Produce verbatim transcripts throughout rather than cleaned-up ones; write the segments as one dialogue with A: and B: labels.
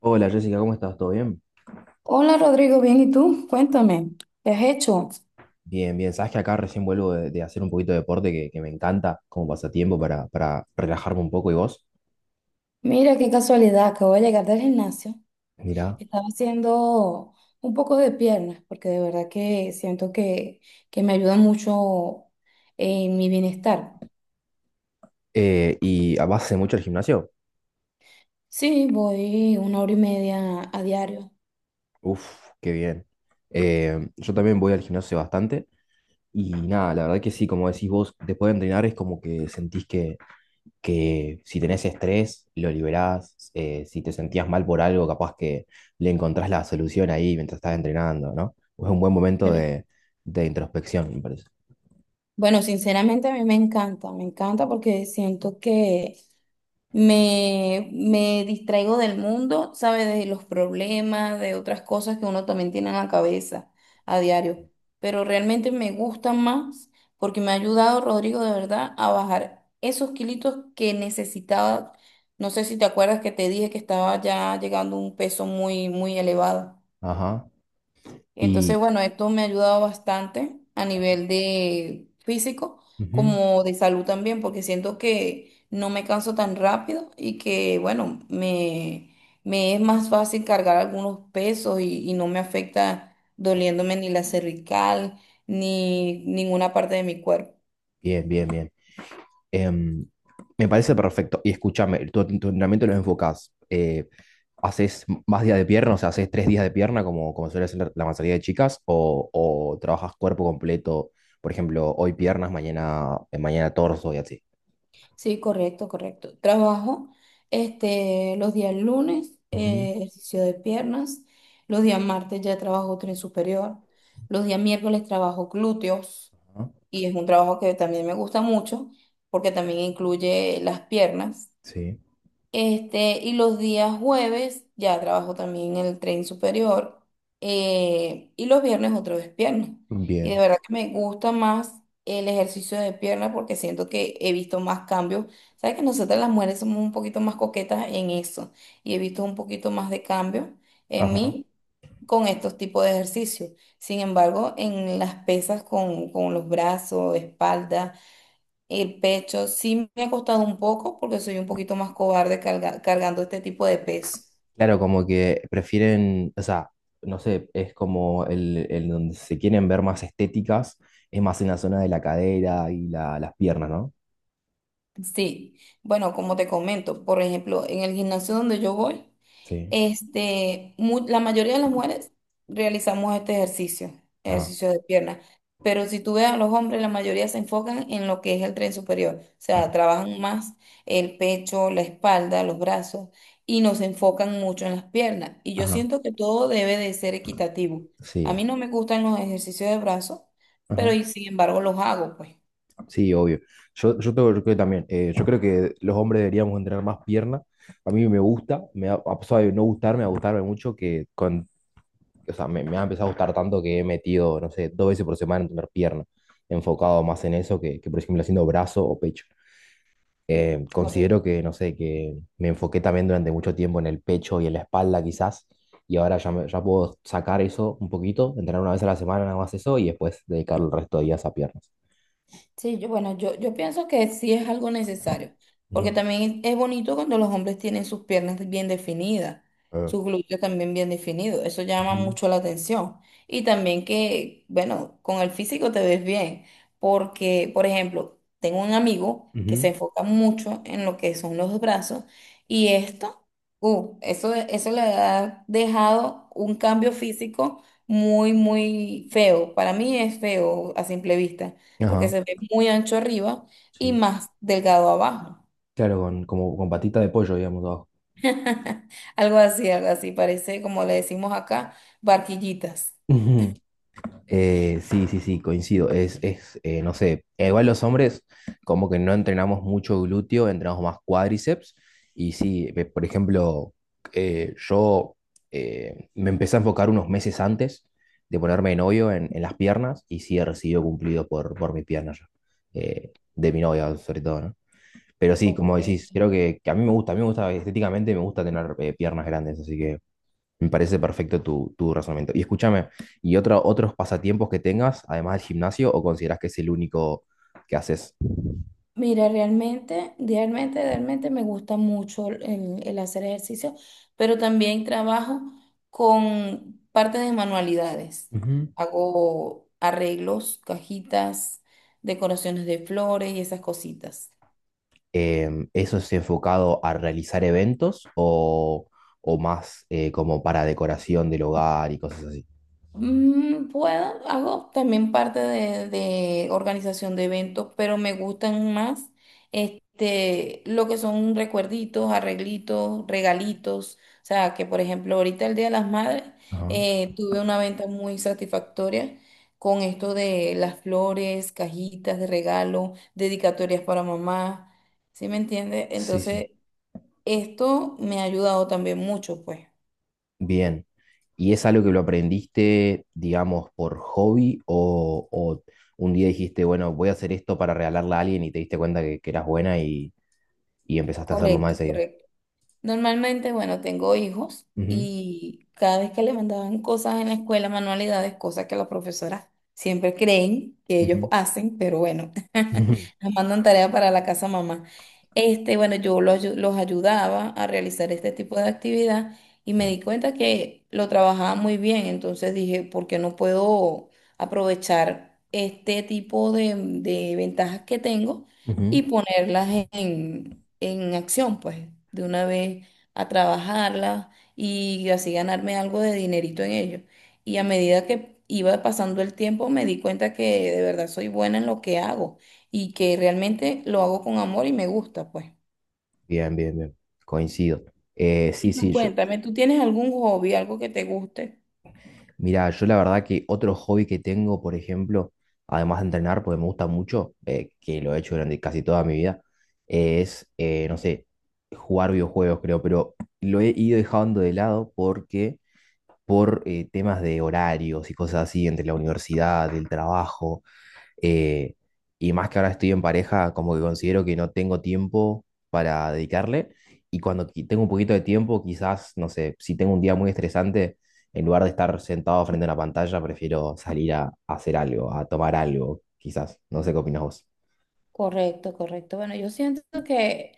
A: Hola Jessica, ¿cómo estás? ¿Todo bien?
B: Hola Rodrigo, bien, ¿y tú? Cuéntame, ¿qué has hecho?
A: Bien, bien. Sabes que acá recién vuelvo de, de hacer un poquito de deporte que, que me encanta como pasatiempo para, para relajarme un poco. ¿Y vos?
B: Mira qué casualidad, acabo de llegar del gimnasio.
A: Mirá.
B: Estaba haciendo un poco de piernas porque de verdad que siento que, que me ayuda mucho en mi bienestar.
A: Eh, ¿y ah, vas hace mucho al gimnasio?
B: Sí, voy una hora y media a diario.
A: Uf, qué bien. Eh, yo también voy al gimnasio bastante y nada, la verdad que sí, como decís vos, después de entrenar es como que sentís que, que si tenés estrés, lo liberás. Eh, si te sentías mal por algo, capaz que le encontrás la solución ahí mientras estás entrenando, ¿no? Es un buen momento
B: Bueno,
A: de, de introspección, me parece.
B: bueno, sinceramente a mí me encanta, me encanta porque siento que Me, me distraigo del mundo, ¿sabes? De los problemas, de otras cosas que uno también tiene en la cabeza a diario. Pero realmente me gusta más porque me ha ayudado, Rodrigo, de verdad, a bajar esos kilitos que necesitaba. No sé si te acuerdas que te dije que estaba ya llegando a un peso muy, muy elevado.
A: Ajá.
B: Entonces,
A: Y
B: bueno, esto me ha ayudado bastante a nivel de físico
A: ujú.
B: como de salud también, porque siento que no me canso tan rápido y que, bueno, me, me es más fácil cargar algunos pesos y, y no me afecta doliéndome ni la cervical ni ninguna parte de mi cuerpo.
A: Bien, bien, bien. Em, Me parece perfecto. Y escúchame, tu, tu entrenamiento lo enfocás. Eh, ¿haces más días de pierna? O sea, ¿haces tres días de pierna como, como suele hacer la, la mayoría de chicas? ¿O, o trabajas cuerpo completo? Por ejemplo, hoy piernas, mañana, eh, mañana torso y así.
B: Sí, correcto, correcto. Trabajo este, los días lunes,
A: Ujú.
B: eh, ejercicio de piernas. Los días martes ya trabajo tren superior. Los días miércoles trabajo glúteos.
A: Ajá.
B: Y es un trabajo que también me gusta mucho porque también incluye las piernas.
A: Sí.
B: Este, y los días jueves ya trabajo también en el tren superior. Eh, y los viernes otra vez pierna. Y de
A: Bien.
B: verdad que me gusta más el ejercicio de pierna porque siento que he visto más cambios. Sabes que nosotras las mujeres somos un poquito más coquetas en eso. Y he visto un poquito más de cambio en mí con estos tipos de ejercicios. Sin embargo, en las pesas con, con los brazos, espalda. El pecho sí me ha costado un poco porque soy un poquito más cobarde carga- cargando este tipo de peso.
A: Claro, como que prefieren, o sea, no sé, es como el, el donde se quieren ver más estéticas, es más en la zona de la cadera y la- las piernas, ¿no?
B: Sí, bueno, como te comento, por ejemplo, en el gimnasio donde yo voy,
A: Sí,
B: este, mu- la mayoría de las mujeres realizamos este ejercicio,
A: ajá,
B: ejercicio de pierna, pero si tú ves a los hombres, la mayoría se enfocan en lo que es el tren superior, o sea,
A: ajá,
B: trabajan más el pecho, la espalda, los brazos y no se enfocan mucho en las piernas. Y yo
A: ajá,
B: siento que todo debe de ser equitativo. A mí
A: sí,
B: no me gustan los ejercicios de brazos, pero
A: ajá,
B: y sin embargo los hago, pues.
A: sí, obvio. Yo, yo, tengo- yo creo que también, eh, yo creo que los hombres deberíamos entrenar más pierna. A mí me gusta, me ha, a pesar de no gustarme, a gustarme mucho, que con, o sea, me, me ha empezado a gustar tanto que he metido, no sé, dos veces por semana en tener pierna, enfocado más en eso que, que por ejemplo, haciendo brazo o pecho. Eh,
B: Correcto.
A: considero que, no sé, que me enfoqué también durante mucho tiempo en el pecho y en la espalda quizás, y ahora ya, me- ya puedo sacar eso un poquito, entrenar una vez a la semana nada más eso y después dedicar el resto de días a piernas.
B: Sí, yo, bueno, yo, yo pienso que sí es algo necesario, porque
A: Ujú.
B: también es bonito cuando los hombres tienen sus piernas bien definidas,
A: Ah,
B: sus glúteos también bien definidos, eso llama
A: ujú,
B: mucho la atención. Y también que, bueno, con el físico te ves bien, porque, por ejemplo, tengo un amigo que se
A: ujú.
B: enfoca mucho en lo que son los brazos y esto, uh, eso, eso le ha dejado un cambio físico muy, muy feo. Para mí es feo a simple vista porque
A: Ajá.
B: se ve muy ancho arriba y
A: Sí.
B: más delgado abajo.
A: Claro, con, como con patita de pollo, digamos, abajo.
B: Algo así, algo así, parece como le decimos acá, barquillitas.
A: Eh, sí, sí, sí, coincido. Es, es eh, no sé, igual los hombres como que no entrenamos mucho glúteo, entrenamos más cuádriceps. Y sí, eh, por ejemplo, eh, yo eh, me empecé a enfocar unos meses antes de ponerme de novio en, en las piernas y sí he recibido cumplido por, por mis piernas, eh, de mi novia sobre todo, ¿no? Pero sí,
B: Ok,
A: como
B: ok.
A: decís, creo que, que a mí me gusta, a mí me gusta estéticamente, me gusta tener eh, piernas grandes, así que me parece perfecto tu, tu razonamiento. Y escúchame, ¿y otro, otros pasatiempos que tengas, además del gimnasio, o consideras que es el único que haces?
B: Mira, realmente, realmente, realmente me gusta mucho el, el hacer ejercicio, pero también trabajo con parte de manualidades.
A: Ujú.
B: Hago arreglos, cajitas, decoraciones de flores y esas cositas.
A: Em, ¿eso es enfocado a realizar eventos o, o más eh, como para decoración del hogar y cosas así?
B: Mm, puedo, hago también parte de, de organización de eventos, pero me gustan más este, lo que son recuerditos, arreglitos, regalitos. O sea, que por ejemplo, ahorita el Día de las Madres
A: Ajá.
B: eh, tuve una venta muy satisfactoria con esto de las flores, cajitas de regalo, dedicatorias para mamá. ¿Sí me entiende?
A: Sí, sí.
B: Entonces, esto me ha ayudado también mucho, pues.
A: Bien. ¿Y es algo que lo aprendiste, digamos, por hobby o, o un día dijiste, bueno, voy a hacer esto para regalarle a alguien y te diste cuenta que, que eras buena y, y empezaste a hacerlo
B: Correcto,
A: más de seguido?
B: correcto. Normalmente, bueno, tengo hijos
A: Ujú,
B: y cada vez que les mandaban cosas en la escuela, manualidades, cosas que las profesoras siempre creen que ellos
A: ujú.
B: hacen, pero bueno,
A: Ujú,
B: les mandan tarea para la casa mamá. Este, bueno, yo los, ayu- los ayudaba a realizar este tipo de actividad y me
A: sí.
B: di cuenta que lo trabajaba muy bien, entonces dije, ¿por qué no puedo aprovechar este tipo de de ventajas que tengo?
A: Ujú.
B: Y ponerlas en, en acción, pues, de una vez a trabajarlas y así ganarme algo de dinerito en ello. Y a medida que iba pasando el tiempo, me di cuenta que de verdad soy buena en lo que hago y que realmente lo hago con amor y me gusta, pues.
A: Bien, bien, bien. Coincido. Eh, sí,
B: Y tú
A: sí, yo.
B: cuéntame, ¿tú tienes algún hobby, algo que te guste?
A: Mira, yo la verdad que otro hobby que tengo, por ejemplo, además de entrenar, porque me gusta mucho, eh, que lo he hecho durante casi toda mi vida, eh, es, eh, no sé, jugar videojuegos, creo, pero lo he ido dejando de lado porque por eh, temas de horarios y cosas así, entre la universidad, el trabajo. eh, y más que ahora estoy en pareja, como que considero que no tengo tiempo para dedicarle. Y cuando qui- tengo un poquito de tiempo, quizás, no sé, si tengo un día muy estresante, en lugar de estar sentado frente a una pantalla, prefiero salir a, a hacer algo, a tomar algo, quizás. No sé qué opinas vos.
B: Correcto, correcto. Bueno, yo siento que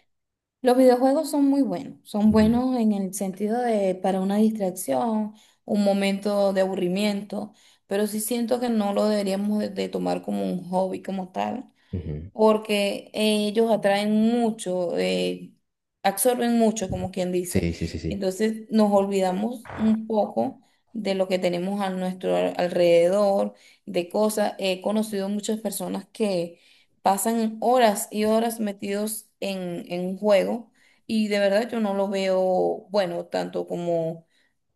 B: los videojuegos son muy buenos, son buenos en el sentido de para una distracción, un momento de aburrimiento, pero sí siento que no lo deberíamos de, de tomar como un hobby como tal,
A: Ujú, ujú.
B: porque ellos atraen mucho, eh, absorben mucho, como quien dice.
A: Sí, sí, sí, sí.
B: Entonces nos olvidamos un poco de lo que tenemos a nuestro al- alrededor, de cosas. He conocido muchas personas que pasan horas y horas metidos en, en un juego y de verdad yo no lo veo bueno, tanto como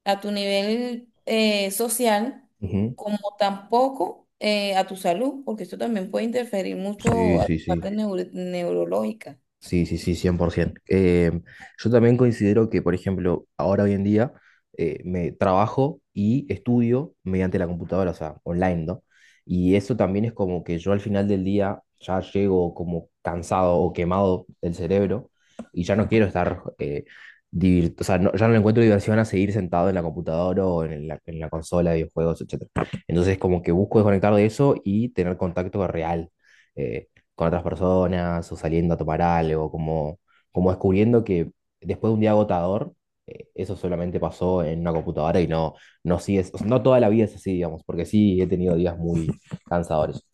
B: a tu nivel eh, social,
A: Ujú.
B: como tampoco eh, a tu salud, porque esto también puede interferir
A: Sí,
B: mucho a
A: sí,
B: tu
A: sí.
B: parte neuro- neurológica.
A: Sí, sí, sí, cien por ciento. Eh, yo también considero que, por ejemplo, ahora hoy en día eh, me trabajo y estudio mediante la computadora, o sea, online, ¿no? Y eso también es como que yo al final del día ya llego como cansado o quemado del cerebro y ya no quiero estar, eh, divir- o sea, no- ya no le encuentro diversión a seguir sentado en la computadora o en la, en la consola de videojuegos, etcétera. Entonces, como que busco desconectar de eso y tener contacto real. Eh, con otras personas o saliendo a tomar algo, como, como descubriendo que después de un día agotador, eh, eso solamente pasó en una computadora y no, no sigues, o sea, no toda la vida es así, digamos, porque sí he tenido días muy cansadores.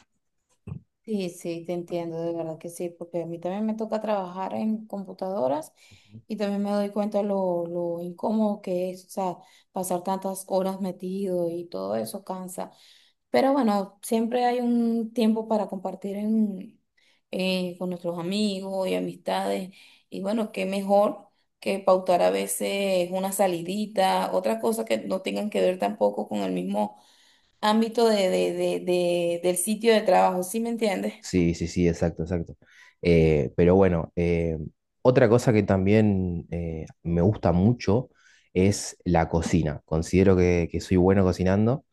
B: Sí, sí, te entiendo, de verdad que sí, porque a mí también me toca trabajar en computadoras y también me doy cuenta lo, lo incómodo que es, o sea, pasar tantas horas metido y todo eso cansa. Pero bueno, siempre hay un tiempo para compartir en- eh, con nuestros amigos y amistades. Y bueno, qué mejor que pautar a veces una salidita, otra cosa que no tengan que ver tampoco con el mismo ámbito de, de- de- de- del sitio de trabajo, ¿sí me entiendes?
A: Sí, sí, sí, exacto, exacto. Eh, pero bueno, eh, otra cosa que también eh, me gusta mucho es la cocina. Considero que, que soy bueno cocinando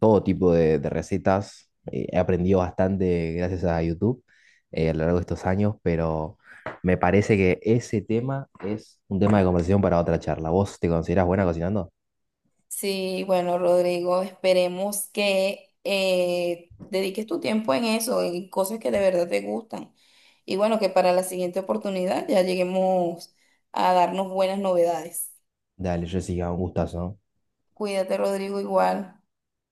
A: todo tipo de, de recetas. Eh, he aprendido bastante gracias a YouTube eh, a lo largo de estos años, pero me parece que ese tema es un tema de conversación para otra charla. ¿Vos te considerás buena cocinando?
B: Sí, bueno, Rodrigo, esperemos que eh, dediques tu tiempo en eso, en cosas que de verdad te gustan. Y bueno, que para la siguiente oportunidad ya lleguemos a darnos buenas novedades.
A: Dale, Jessica, un gustazo. ¿No?
B: Cuídate, Rodrigo, igual.